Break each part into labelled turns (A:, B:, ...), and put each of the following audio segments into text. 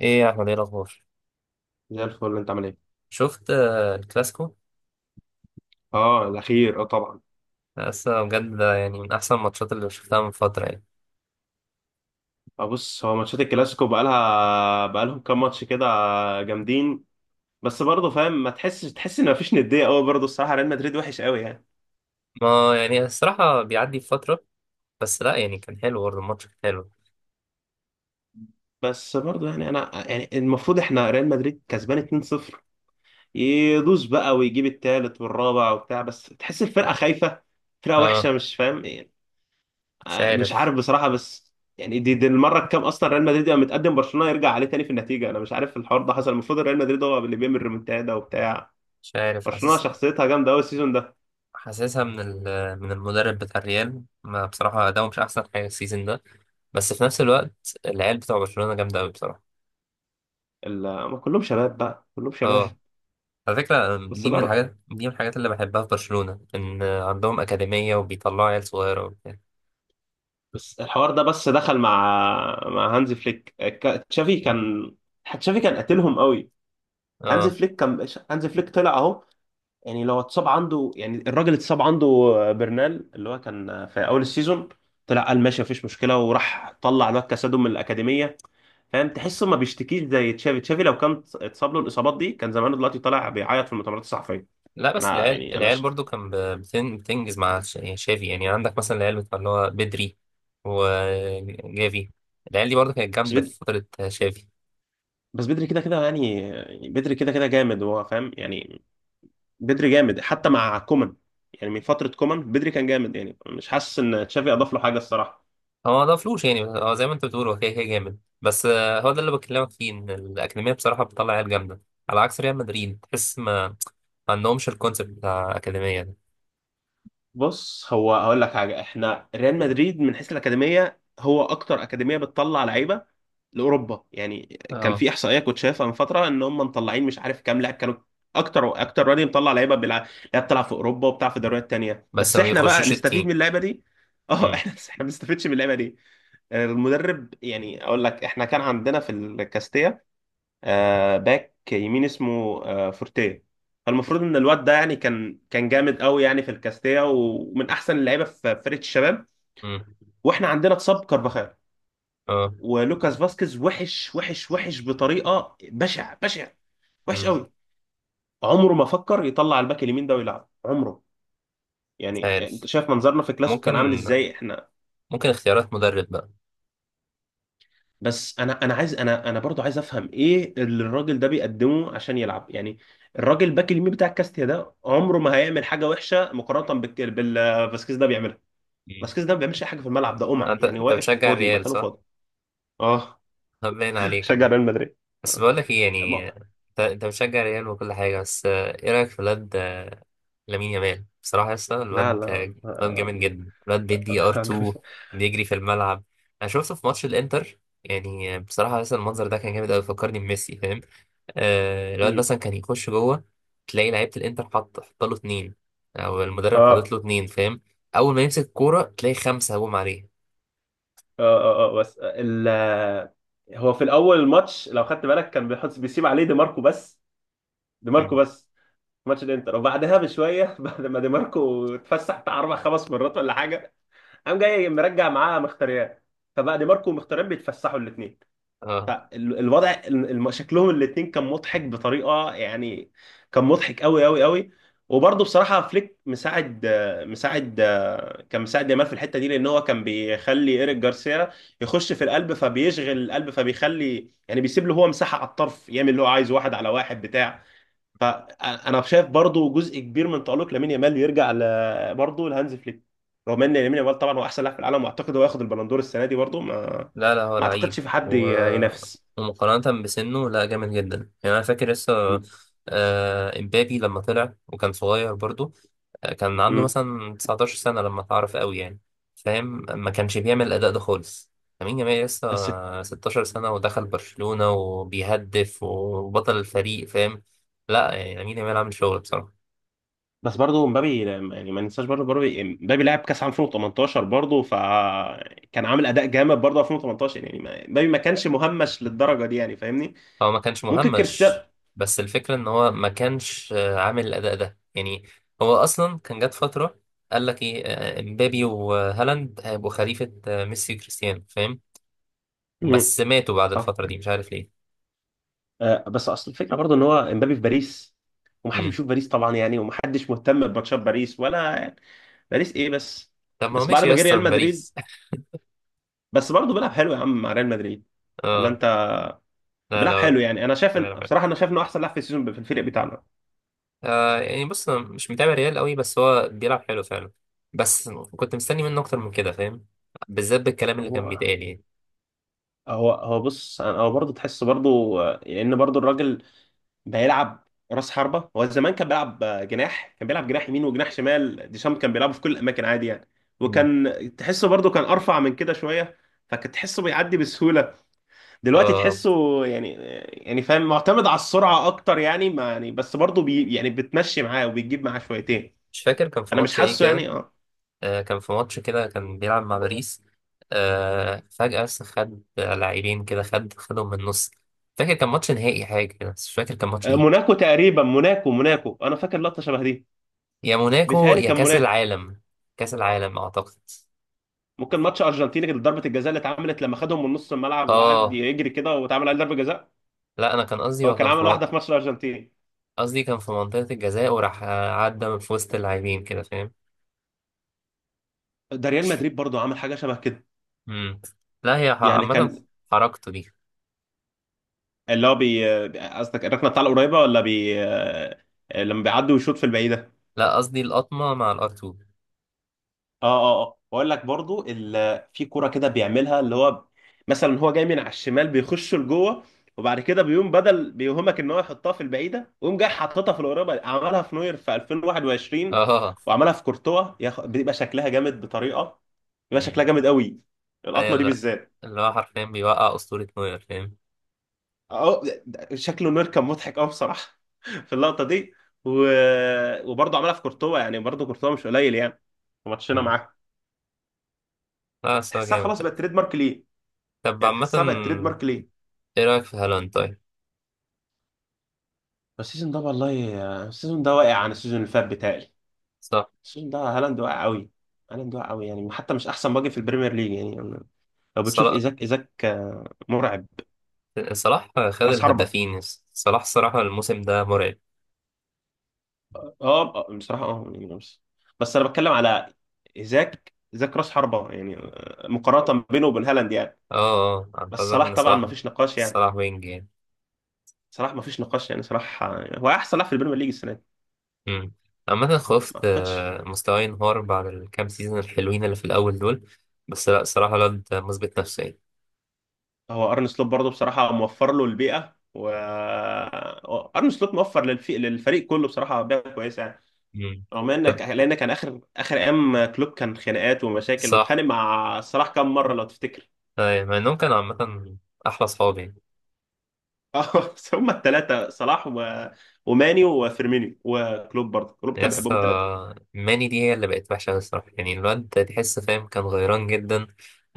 A: ايه يا احمد، ايه الاخبار؟
B: زي الفل، انت عامل ايه؟
A: شفت الكلاسيكو؟
B: اه، الاخير. اه، طبعا.
A: لسه بجد، ده يعني من احسن الماتشات اللي شفتها من فتره يعني.
B: اه، بص، هو ماتشات الكلاسيكو بقالهم كام ماتش كده، جامدين. بس برضه فاهم، ما تحسش تحس ان مفيش نديه قوي، برضه الصراحه ريال مدريد وحش قوي يعني.
A: ما يعني الصراحه بيعدي فتره. بس لا يعني كان حلو، برضه الماتش كان حلو.
B: بس برضه يعني انا يعني المفروض احنا ريال مدريد كسبان 2-0. يدوس بقى ويجيب التالت والرابع وبتاع، بس تحس الفرقه خايفه، فرقه
A: اه.
B: وحشه، مش فاهم.
A: مش
B: مش
A: عارف.
B: عارف بصراحة، بس يعني دي المرة الكام أصلا ريال مدريد يبقى متقدم برشلونة يرجع عليه تاني في النتيجة، أنا مش عارف الحوار ده حصل، المفروض ريال مدريد هو اللي بيعمل ريمونتادا وبتاع.
A: مش عارف
B: برشلونة
A: حاسس.
B: شخصيتها جامدة أوي السيزون ده.
A: حاسسها من من المدرب بتاع الريال، ما بصراحه ده مش احسن حاجه السيزون ده. بس في نفس الوقت العيال بتوع برشلونه جامده قوي بصراحه.
B: هم كلهم شباب بقى، كلهم
A: اه.
B: شباب.
A: على فكره،
B: بس
A: دي من
B: برضه
A: الحاجات دي من الحاجات اللي بحبها في برشلونه، ان عندهم اكاديميه وبيطلعوا عيال صغيره وبتاع.
B: بس الحوار ده، بس دخل مع هانز فليك، تشافي كان، تشافي كان قاتلهم قوي.
A: اه.
B: هانز فليك طلع أهو، يعني لو اتصاب عنده، يعني الراجل اتصاب عنده برنال، اللي هو كان في اول السيزون، طلع قال ماشي، مفيش مشكله، وراح طلع الواد كاسادو من الاكاديميه. فاهم تحسه ما بيشتكيش زي تشافي. تشافي لو كان اتصاب له الاصابات دي كان زمانه دلوقتي طالع بيعيط في المؤتمرات الصحفيه.
A: لا بس
B: انا
A: العيال
B: يعني انا
A: العيال
B: ش...
A: برضو كان بتنجز مع يعني شافي. يعني عندك مثلا العيال بتاع اللي هو بدري وجافي. العيال دي برضو كانت
B: بس
A: جامدة
B: بدري.
A: في فترة شافي.
B: كده كده، يعني بدري كده كده جامد هو، فاهم يعني. بدري جامد حتى مع كومان، يعني من فتره كومان بدري كان جامد، يعني مش حاسس ان تشافي اضاف له حاجه الصراحه.
A: هو ما ضافلوش، يعني هو زي ما انت بتقول هو كده كده جامد، بس هو ده اللي بكلمك فيه، ان الأكاديمية بصراحة بتطلع عيال جامدة. على عكس ريال مدريد، تحس ما عندهمش الكونسيبت بتاع الأكاديمية ده.
B: بص، هو هقول لك حاجه، احنا ريال مدريد من حيث الاكاديميه هو اكتر اكاديميه بتطلع لعيبه لاوروبا يعني. كان
A: اه.
B: في احصائيه كنت شايفها من فتره ان هم مطلعين مش عارف كام لاعب، كانوا اكتر اكتر وادي مطلع لعيبه بيلعب، لعيبه بتلعب في اوروبا وبتاع في دوريات تانيه،
A: بس
B: بس
A: ما
B: احنا بقى
A: بيخشوش
B: نستفيد من
A: التيم.
B: اللعيبه دي. اه
A: امم.
B: احنا ما بنستفيدش من اللعيبه دي. المدرب يعني اقول لك، احنا كان عندنا في الكاستيا باك يمين اسمه فورتيه. فالمفروض ان الواد ده يعني كان جامد قوي يعني في الكاستيا، ومن احسن اللعيبه في فرقه الشباب.
A: امم.
B: واحنا عندنا اتصاب كارفاخال،
A: اه.
B: ولوكاس فاسكيز وحش وحش وحش بطريقه، بشع بشع، وحش
A: امم.
B: قوي. عمره ما فكر يطلع الباك اليمين ده ويلعب، عمره.
A: مش
B: يعني انت
A: عارف.
B: شايف منظرنا في كلاسيكو
A: ممكن
B: كان عامل ازاي احنا.
A: ممكن اختيارات مدرب بقى.
B: بس انا عايز، انا برضو عايز افهم ايه اللي الراجل ده بيقدمه عشان يلعب يعني. الراجل الباك اليمين بتاع كاستيا ده عمره ما هيعمل حاجه وحشه مقارنه بال فاسكيز ده بيعملها.
A: مم.
B: فاسكيز ده ما بيعملش اي حاجه في الملعب، ده قمع
A: انت
B: يعني،
A: انت
B: واقف
A: بتشجع
B: فاضي،
A: الريال
B: مكانه
A: صح؟
B: فاضي. اه
A: طب باين عليك
B: شجع
A: عم.
B: ريال مدريد.
A: بس بقول لك ايه، يعني
B: ما-
A: انت بتشجع ريال وكل حاجه، بس ايه رايك في الواد لامين يامال؟ بصراحه يا اسطى
B: لا،
A: الواد
B: لا.
A: الواد جامد جدا. الواد بيدي ار 2، بيجري في الملعب. انا شفته في ماتش الانتر، يعني بصراحه لسه المنظر ده كان جامد قوي، فكرني بميسي، فاهم؟ آه الواد
B: أمم.
A: مثلا كان يخش جوه، تلاقي لعيبه الانتر حط له اتنين، او المدرب حاطط
B: اه،
A: له اتنين، فاهم؟ اول ما يمسك الكوره تلاقي خمسه هجوم عليه.
B: اه، اه، بس هو في الاول الماتش لو خدت بالك كان بيسيب عليه دي ماركو بس، دي ماركو
A: مم.
B: بس، ماتش الانتر. وبعدها بشويه بعد ما دي ماركو اتفسح بتاع اربع خمس مرات ولا حاجه، قام جاي مرجع معاه مختاريان، فبقى دي ماركو ومختاريان بيتفسحوا الاثنين.
A: اه.
B: فالوضع شكلهم الاثنين كان مضحك بطريقه يعني، كان مضحك قوي قوي قوي. وبرضه بصراحه فليك مساعد آه، مساعد آه، كان مساعد يامال في الحته دي، لان هو كان بيخلي ايريك جارسيا يخش في القلب، فبيشغل القلب، فبيخلي يعني بيسيب له هو مساحه على الطرف يعمل اللي هو عايزه، واحد على واحد بتاع فانا شايف برضو جزء كبير من تالق لامين يامال يرجع برضو لهانز فليك. رغم ان لامين يامال طبعا هو احسن لاعب في العالم، واعتقد هو ياخد البالندور السنه دي برضو، ما
A: لا لا، هو
B: ما
A: لعيب
B: اعتقدش في حد
A: و...
B: ينافس.
A: ومقارنة بسنه، لا جامد جدا. يعني أنا فاكر لسه إمبابي لما طلع وكان صغير برضو، كان عنده
B: امم.
A: مثلا 19 سنة لما اتعرف قوي يعني، فاهم؟ ما كانش بيعمل الأداء ده خالص. لامين يامال لسه
B: بس
A: 16 سنة، ودخل برشلونة وبيهدف وبطل الفريق، فاهم؟ لا يعني لامين يامال عامل شغل بصراحة.
B: بس برضو مبابي، يعني ما ننساش برضو مبابي، لعب كاس عام 2018 برضو، فكان عامل اداء جامد برضو 2018، يعني مبابي ما كانش مهمش للدرجه دي يعني، فاهمني.
A: هو ما كانش
B: ممكن كريستيانو.
A: مهمش. بس الفكرة ان هو ما كانش عامل الاداء ده يعني. هو اصلا كان جات فترة قال لك ايه امبابي وهالاند هيبقوا خليفة ميسي وكريستيانو، فاهم؟
B: امم.
A: بس ماتوا بعد
B: صح.
A: الفترة دي، مش عارف ليه.
B: بس اصل الفكره برضه ان هو امبابي في باريس، ومحدش
A: امم.
B: بيشوف باريس طبعا يعني، ومحدش مهتم بماتشات باريس ولا يعني، باريس ايه بس.
A: طب ما هو
B: بس بعد
A: ماشي
B: ما
A: يا
B: جه
A: اسطى
B: ريال
A: من
B: مدريد،
A: باريس.
B: بس برضه بيلعب حلو يا عم مع ريال مدريد، ولا
A: اه.
B: انت؟
A: لا
B: بيلعب
A: لا،
B: حلو يعني، انا شايف ان
A: بيلعب حلو.
B: بصراحه انا شايف انه احسن لاعب في السيزون في الفريق بتاعنا.
A: آه يعني بص، أنا مش متابع ريال قوي، بس هو بيلعب حلو فعلا. بس كنت مستني منه اكتر من كده، فاهم؟ بالذات بالكلام اللي كان
B: هو
A: بيتقال يعني.
B: هو هو بص، هو برضه تحس برضه ان برضه الراجل بيلعب راس حربة. هو زمان كان بيلعب جناح، كان بيلعب جناح يمين وجناح شمال، ديشام كان بيلعبه في كل الأماكن عادي يعني،
A: مم.
B: وكان تحسه برضه كان أرفع من كده شوية، فكنت تحسه بيعدي بسهولة. دلوقتي
A: آه.
B: تحسه، يعني يعني فاهم معتمد على السرعة أكتر يعني، ما يعني بس برضه يعني بتمشي معاه وبتجيب معاه شويتين.
A: مش فاكر كان في
B: أنا مش
A: ماتش ايه
B: حاسه
A: كده،
B: يعني، اه.
A: كان في ماتش كده كان بيلعب مع باريس، فجأة بس خد لاعبين كده، خدهم من النص. فاكر كان ماتش نهائي حاجة كده بس مش فاكر كان ماتش ايه.
B: موناكو تقريبا، موناكو أنا فاكر لقطة شبه دي،
A: يا موناكو
B: بيتهيألي
A: يا
B: كان
A: كأس
B: موناكو.
A: العالم. كأس العالم أعتقد.
B: ممكن ماتش أرجنتيني، كانت ضربة الجزاء اللي اتعملت لما خدهم من نص الملعب وقعد
A: اه.
B: يجري كده واتعمل عليه ضربة جزاء.
A: لا أنا كان قصدي
B: هو
A: هو
B: كان
A: كان في
B: عمل واحده في ماتش الارجنتين.
A: قصدي كان في منطقة الجزاء وراح عدى من في وسط اللاعبين كده، فاهم؟
B: ده ريال مدريد برضو عمل حاجه شبه كده.
A: مم. لا هي
B: يعني
A: عامة
B: كان
A: حركته دي.
B: اللي هو قصدك الركنه بتاع القريبه ولا بي آه، لما بيعدي ويشوط في البعيده.
A: لا قصدي القطمة مع الار 2.
B: اه، اه، اه، واقول لك برضو في كوره كده بيعملها اللي هو، مثلا هو جاي من على الشمال بيخش لجوه، وبعد كده بيقوم بدل بيوهمك ان هو يحطها في البعيده ويقوم جاي حاططها في القريبه، عملها في نوير في 2021،
A: اه.
B: وعملها في كورتوا بيبقى شكلها جامد بطريقه، بيبقى
A: مم.
B: شكلها جامد قوي،
A: هي
B: القطمه دي
A: اللي
B: بالذات.
A: اللي هو حرفيا بيوقع أسطورة نوير، فاهم؟
B: اه شكله نور كان مضحك قوي بصراحه في اللقطه دي. و... وبرضه عملها في كورتوا يعني، برضه كورتوا مش قليل يعني في ماتشنا معاه.
A: لا الصراحة
B: تحسها
A: جامد
B: خلاص بقت
A: ده.
B: تريد مارك ليه،
A: طب
B: يعني
A: عامة
B: تحسها بقت تريد مارك ليه.
A: ايه رأيك في هالاند طيب؟
B: بس السيزون ده والله، السيزون ده واقع عن السيزون اللي فات بتاعي.
A: صح.
B: السيزون ده هالاند واقع قوي، هالاند واقع قوي يعني، حتى مش احسن باجي في البريمير ليج يعني. لو بتشوف
A: صلاح.
B: ايزاك، مرعب،
A: صلاح خد
B: راس حربة.
A: الهدافين. صلاح الصراحة الموسم ده مرعب.
B: اه، بصراحه، اه يعني نفس، بس انا بتكلم على ايزاك راس حربه يعني، مقارنه بينه وبين هالاند يعني.
A: اه اه، أنا
B: بس
A: قصدك
B: صلاح
A: ان
B: طبعا ما
A: صلاح.
B: فيش نقاش يعني،
A: صلاح وينج يعني.
B: صلاح ما فيش نقاش يعني، صلاح هو احسن لاعب في البريمير ليج السنه دي.
A: أمم. عامة
B: ما
A: خفت
B: اعتقدش.
A: مستواه ينهار بعد الكام سيزون الحلوين اللي في الأول دول. بس لا الصراحة الواد مثبت نفسه يعني.
B: هو ارن سلوت برضه بصراحه موفر له البيئه، و هو ارن سلوت موفر للفريق كله بصراحه بيئه كويسه يعني.
A: أمم.
B: رغم
A: طب.
B: انك لان كان اخر اخر ايام كلوب كان خناقات ومشاكل،
A: صح.
B: واتخانق مع صلاح كام مره لو تفتكر.
A: مع انهم كانوا عامة أحلى صحابي.
B: اه، هم الثلاثه صلاح وماني وفيرمينيو، وكلوب برضه كلوب كان
A: يس.
B: بيحبهم الثلاثه.
A: ماني دي هي اللي بقت وحشة أوي الصراحة، يعني الواد ده تحس فاهم كان غيران جدا،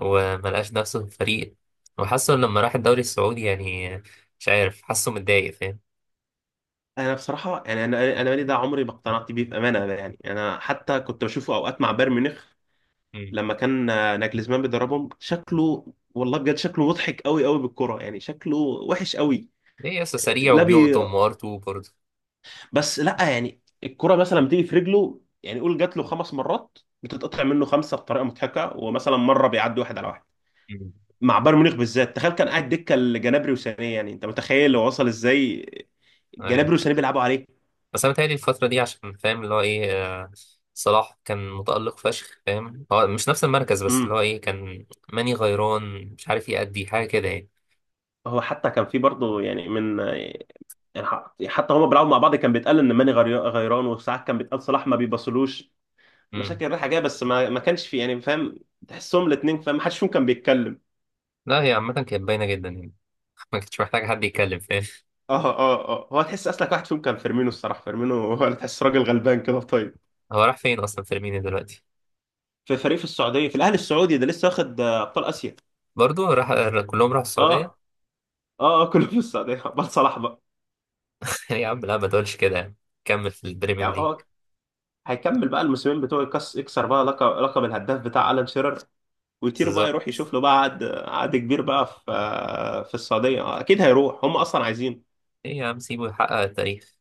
A: وملقاش نفسه في الفريق، وحاسه لما راح الدوري السعودي يعني، مش عارف، حاسه متضايق فاهم.
B: انا بصراحه يعني انا انا ماني ده عمري ما اقتنعت بيه بامانه، أنا يعني انا حتى كنت بشوفه اوقات مع بايرن ميونخ،
A: مم.
B: لما كان ناجلزمان بيدربهم، شكله والله بجد شكله مضحك قوي قوي بالكرة يعني، شكله وحش قوي.
A: ليه يس سريع
B: لا بي
A: وبيقطم وارتو برضه.
B: بس لا يعني الكرة مثلا بتيجي في رجله يعني، قول جات له خمس مرات بتتقطع منه خمسة بطريقة مضحكة، ومثلا مرة بيعدي واحد على واحد.
A: مم.
B: مع بايرن ميونخ بالذات، تخيل كان قاعد دكه لجنابري وسانيه يعني، انت متخيل هو وصل ازاي، جنابري
A: أيوة.
B: وسانيه بيلعبوا عليه.
A: بس أنا متهيألي الفترة دي عشان فاهم اللي هو إيه، آه، صلاح كان متألق فشخ، فاهم؟ هو مش نفس المركز، بس اللي هو
B: امم.
A: إيه كان ماني غيران، مش عارف يأدي حاجة كده يعني.
B: هو حتى كان في برضه يعني من، يعني حتى هما بيلعبوا مع بعض كان بيتقال ان ماني غيران، وساعات كان بيتقال صلاح ما بيبصلوش،
A: مم.
B: مشاكل رايحه جايه، بس ما كانش في يعني فاهم، تحسهم الاثنين فاهم، ما حدش فيهم كان بيتكلم.
A: لا هي عامة كانت باينة جدا يعني. ما كنتش محتاج حد يتكلم، فاهم؟
B: اه، اه، اه، هو تحس اصلك واحد فيهم كان فيرمينو، الصراحه فيرمينو هو اللي تحس راجل غلبان كده طيب.
A: هو راح فين اصلا فيرمينيو دلوقتي؟
B: في فريق في السعوديه، في الاهلي السعودي ده، لسه واخد ابطال اسيا.
A: برضه راح. كلهم راحوا السعوديه.
B: اه، اه، اه، كله في السعوديه، بس صلاح بقى.
A: يا عم لا ما تقولش كده يعني. كمل في البريمير
B: يعني
A: ليج.
B: هو هيكمل بقى الموسمين بتوعه، يكسر بقى لقب، الهداف بتاع الان شيرر، ويطير بقى، يروح
A: بالظبط.
B: يشوف له بقى عقد كبير بقى في السعوديه، اكيد هيروح، هم اصلا عايزين.
A: ايه يا عم سيبه يحقق التاريخ.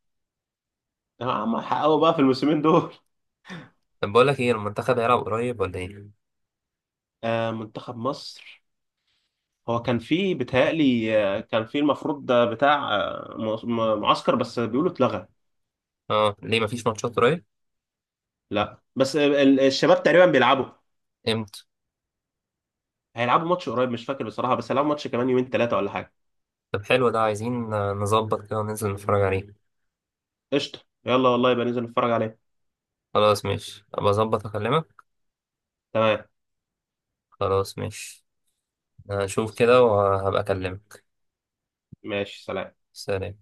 B: هم حققوا بقى في الموسمين دول.
A: طب بقول لك ايه، المنتخب هيلعب قريب ولا ايه؟
B: منتخب مصر، هو كان في بيتهيألي كان في المفروض ده بتاع معسكر، بس بيقولوا اتلغى.
A: اه ليه، مفيش ماتشات قريب؟
B: لا، بس الشباب تقريبا بيلعبوا،
A: امتى؟
B: هيلعبوا ماتش قريب، مش فاكر بصراحه، بس هيلعبوا ماتش كمان يومين ثلاثه ولا حاجه.
A: طب حلو، ده عايزين نظبط كده وننزل نتفرج عليه.
B: قشطه، يلا والله، يبقى ننزل نتفرج عليه.
A: خلاص ماشي، ابقى اظبط اكلمك.
B: تمام،
A: خلاص ماشي. هشوف كده وهبقى اكلمك.
B: ماشي، سلام.
A: سلام.